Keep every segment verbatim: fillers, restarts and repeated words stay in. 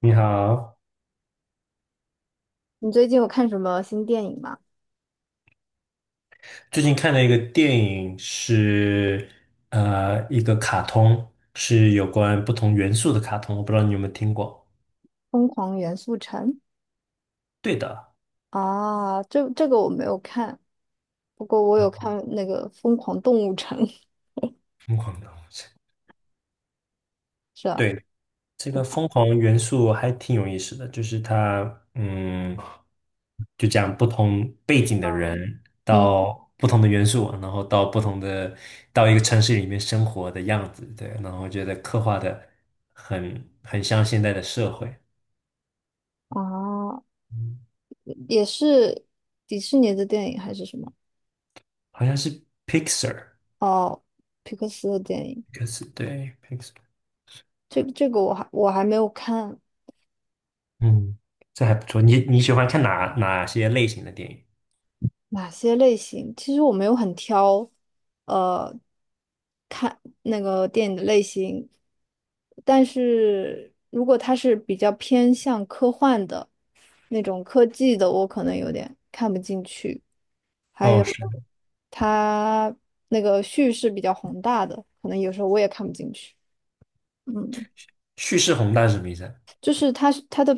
你好。你最近有看什么新电影吗？最近看了一个电影，是，呃一个卡通，是有关不同元素的卡通，我不知道你有没有听过。《疯狂元素城》对的。啊，这这个我没有看，不过我有看那个《疯狂动物城》。疯狂的东西。 是吧？对，这个疯狂元素还挺有意思的，就是它，嗯，就讲不同背景的人嗯，到不同的元素，然后到不同的到一个城市里面生活的样子。对，然后我觉得刻画的很很像现在的社会。啊，也是迪士尼的电影还是什么？好像是 Pixar，哦，皮克斯的电影。p i x a r， 对 Pixar。这这个我还我还没有看嗯，这还不错。你你喜欢看哪哪些类型的电影？哪些类型，其实我没有很挑，呃。那个电影的类型，但是如果它是比较偏向科幻的那种科技的，我可能有点看不进去。还哦，有是。它那个叙事比较宏大的，可能有时候我也看不进去。嗯，叙事宏大是什么意思啊？就是它是它的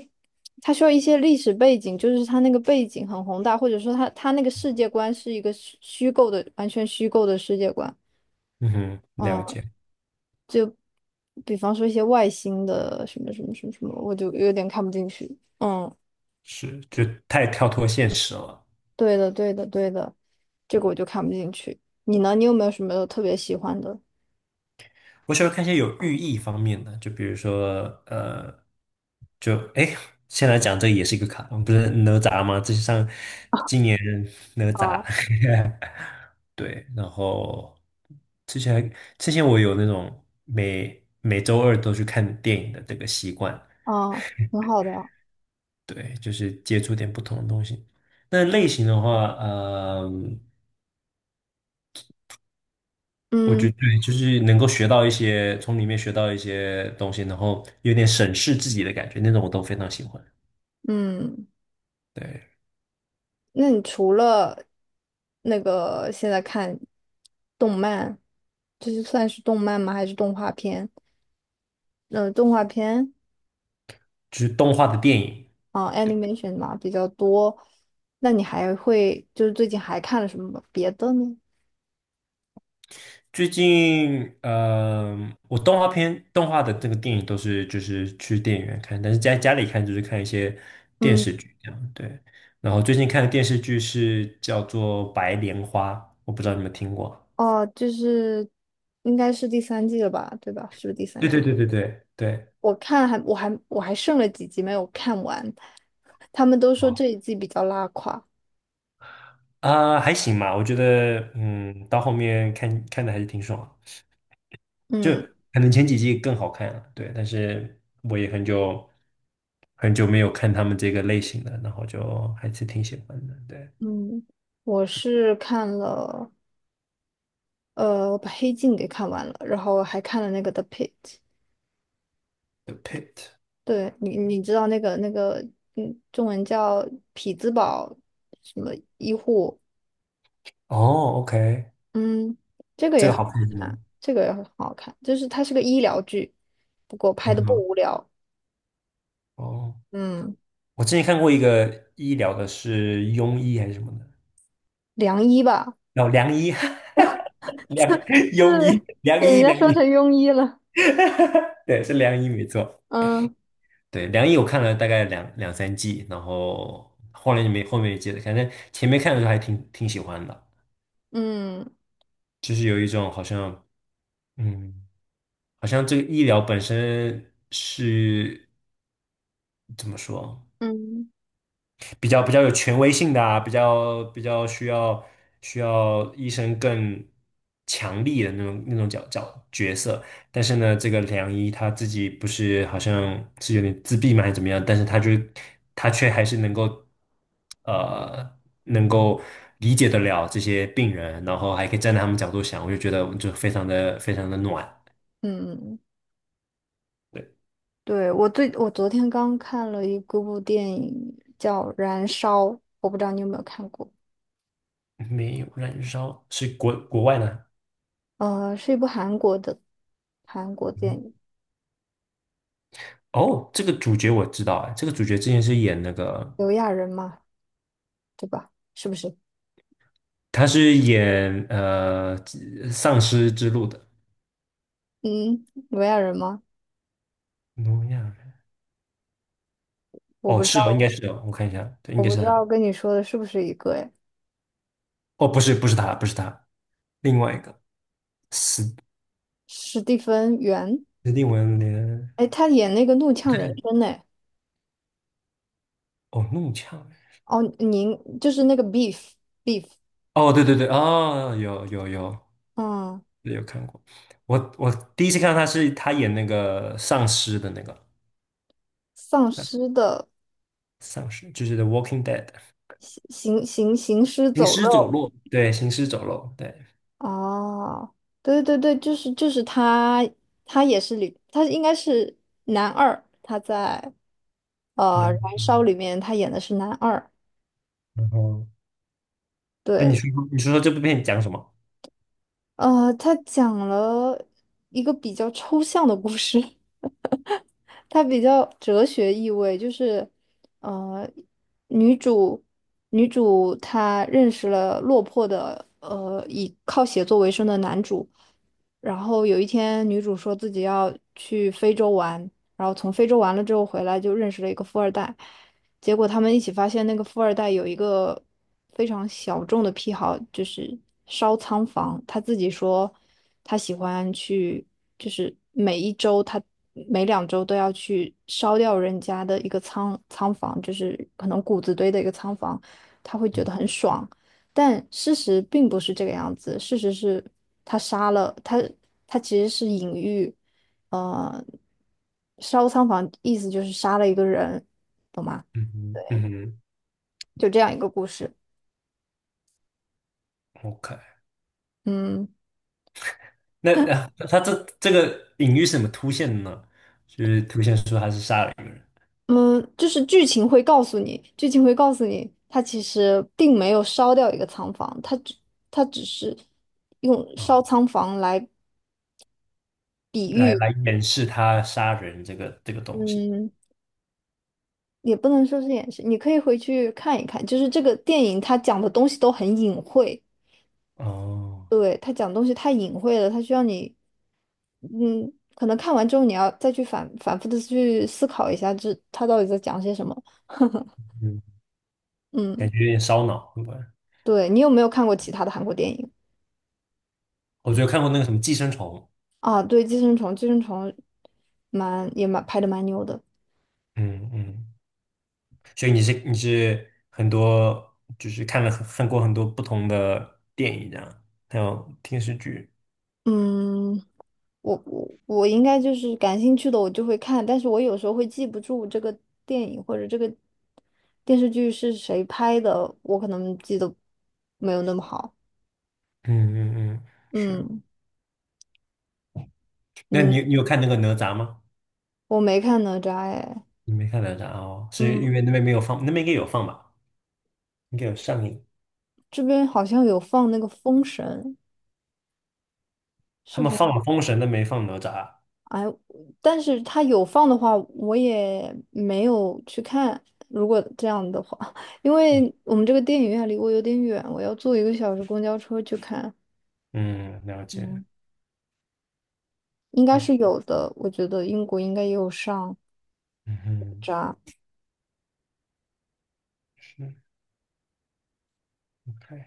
它需要一些历史背景，就是它那个背景很宏大，或者说它它那个世界观是一个虚虚构的，完全虚构的世界观。嗯哼，了嗯。解。比方说一些外星的什么什么什么什么，我就有点看不进去。嗯，是，就太跳脱现实了。对的，对的，对的，这个我就看不进去。你呢？你有没有什么特别喜欢的？我喜欢看一些有寓意方面的，就比如说呃，就哎，现在讲这也是一个卡通，不是哪吒吗？这是上今年哪吒，啊， 对。然后之前还之前我有那种每每周二都去看电影的这个习惯。啊，挺好的。对，就是接触点不同的东西。那类型的话，嗯，我嗯，觉得对就是能够学到一些，从里面学到一些东西，然后有点审视自己的感觉，那种我都非常喜欢。嗯，对，那你除了那个现在看动漫，这就算是动漫吗？还是动画片？呃，动画片就是动画的电影。啊，animation 嘛比较多。那你还会就是最近还看了什么别的呢？最近，嗯、我动画片、动画的这个电影都是就是去电影院看，但是在家里看就是看一些电嗯。视剧这样，对。然后最近看的电视剧是叫做《白莲花》，我不知道你们听过。哦，就是应该是第三季了吧，对吧？是不是第三对对季？对对对对。我看还我还我还剩了几集没有看完，他们都说哦这一季比较拉垮。啊、还行吧，我觉得，嗯，到后面看看的还是挺爽的。就嗯，可能前几季更好看了，对。但是我也很久很久没有看他们这个类型的，然后就还是挺喜欢的，对。嗯，我是看了，呃，我把《黑镜》给看完了，然后还看了那个《The Pitt》。The Pit。对，你，你知道那个那个，嗯，中文叫匹兹堡什么医护？哦，OK。嗯，这个这也个很好好看是看，吗？这个也很好看，就是它是个医疗剧，不过拍嗯的不哼，无聊。哦，嗯，我之前看过一个医疗的，是庸医还是什么的。良医吧，哦，良医，良庸医，是良给人医，家良说医。成庸医了。对，是良医没错。嗯。 对，良医我看了大概两两三季，然后后来就没后面也接着反正前面看的时候还挺挺喜欢的。嗯，就是有一种好像，嗯，好像这个医疗本身是怎么说？嗯，比较比较有权威性的啊，比较比较需要需要医生更强力的那种那种角角角色。但是呢，这个良医他自己不是好像是有点自闭嘛，还是怎么样？但是他就他却还是能够呃能够理解得了这些病人，然后还可以站在他们角度想，我就觉得就非常的非常的暖。嗯，对。对，我最我昨天刚看了一个部电影叫《燃烧》，我不知道你有没有看过，没有，燃烧是国国外呢。呃，是一部韩国的韩国电嗯，影，哦，这个主角我知道，哎，这个主角之前是演那个刘亚仁嘛，对吧？是不是？他是演呃丧尸之路的嗯，刘亚仁吗？挪亚人。我哦，不知是哦，应道，该是哦，我看一下，对，应我该不是知他。道跟你说的是不是一个？哎，哦，不是，不是他，不是他，另外一个，斯史蒂芬·元，斯蒂文连。哎，他演那个《怒呛人生》呢。哦，弄呛人。哦，您就是那个 beef beef,哦，对对对，哦，有有有，嗯，对有看过。我我第一次看到他是他演那个丧尸的那个丧尸的丧尸，就是《The Walking Dead》行行行行尸行走尸走肉。肉，对，行尸走肉，对。哦，对对对，就是就是他，他也是里，他应该是男二，他在呃然后，《燃烧》里面他演的是男二，然后那你对，说你说说这部片讲什么？呃，他讲了一个比较抽象的故事。它比较哲学意味，就是，呃，女主女主她认识了落魄的呃以靠写作为生的男主，然后有一天，女主说自己要去非洲玩，然后从非洲玩了之后回来，就认识了一个富二代。结果他们一起发现，那个富二代有一个非常小众的癖好，就是烧仓房。他自己说，他喜欢去，就是每一周他每两周都要去烧掉人家的一个仓仓房，就是可能谷子堆的一个仓房，他会觉得很爽。但事实并不是这个样子，事实是他杀了他，他其实是隐喻，呃，烧仓房意思就是杀了一个人嘛，嗯哼，嗯哼就这样一个故事。，OK。嗯，那啊，他这这个隐喻是怎么凸现的呢？就是凸现出他是杀了一个人嗯，就是剧情会告诉你，剧情会告诉你，他其实并没有烧掉一个仓房，他只他只是用啊，烧仓房来比来喻，来掩饰他杀人这个这个东西。嗯。也不能说是掩饰，你可以回去看一看，就是这个电影它讲的东西都很隐晦，哦，对，他讲东西太隐晦了，他需要你，嗯，可能看完之后你要再去反反复的去思考一下这，他到底在讲些什么。嗯，嗯，感觉有点烧脑，对吧？对，你有没有看过其他的韩国电影我觉得看过那个什么《寄生虫》。啊？对，《寄生虫》，《寄生虫》蛮也蛮拍的蛮牛的。嗯嗯，所以你是你是很多，就是看了很看过很多不同的电影这样，还有电视剧。嗯，我我我应该就是感兴趣的我就会看，但是我有时候会记不住这个电影或者这个电视剧是谁拍的，我可能记得没有那么好。嗯嗯嗯，是。嗯，那你你你有看那个哪吒吗？我没看哪吒哎。你没看哪吒哦，是嗯，因为那边没有放，那边应该有放吧？应该有上映。这边好像有放那个《封神》，他是们放否？了封神，但没放哪吒。哎，但是他有放的话，我也没有去看。如果这样的话，因为我们这个电影院离我有点远，我要坐一个小时公交车去看。嗯，了解。嗯，应该是有的，我觉得英国应该也有上嗯哼，扎。是。 OK。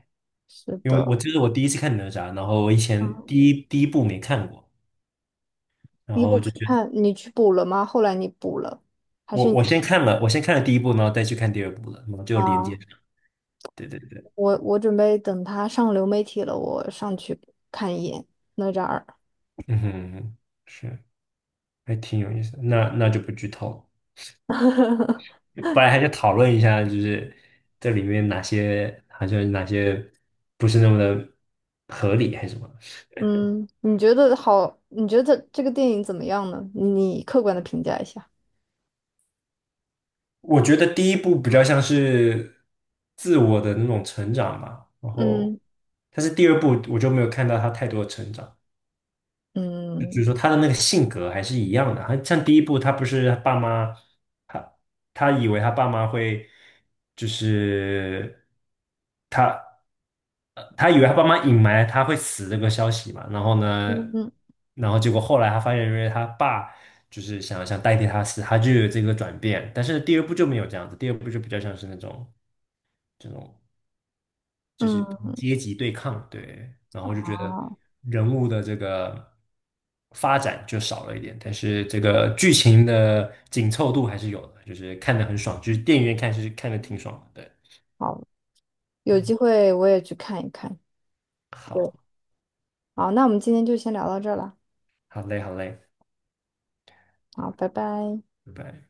是因为我的，记得我第一次看哪吒，然后我以前嗯，第一第一部没看过，然第一部后就没觉得看，你去补了吗？后来你补了，还我是我你先看了，我先看了第一部，然后再去看第二部了，然后就连接啊？上。对对对。我我准备等他上流媒体了，我上去看一眼哪吒二。嗯哼，是，还挺有意思的。那那就不剧透。本来还想讨论一下，就是这里面哪些好像哪些不是那么的合理，还是什么？嗯，你觉得好？你觉得这个电影怎么样呢？你客观的评价一下。我觉得第一部比较像是自我的那种成长吧。然后，嗯，但是第二部我就没有看到他太多的成长，就就嗯，是说他的那个性格还是一样的。他像第一部，他不是他爸妈，他他以为他爸妈会就是。他。他以为他爸妈隐瞒他会死这个消息嘛，然后呢，嗯，然后结果后来他发现，因为他爸就是想想代替他死，他就有这个转变。但是第二部就没有这样子，第二部就比较像是那种这种就是嗯，阶级对抗，对。然后我就觉得好，人物的这个发展就少了一点，但是这个剧情的紧凑度还是有的，就是看得很爽，就是电影院看是看的挺爽的，对。好，有嗯，机会我也去看一看。对，好，好，那我们今天就先聊到这儿了。好嘞，好嘞，好，拜拜。拜拜。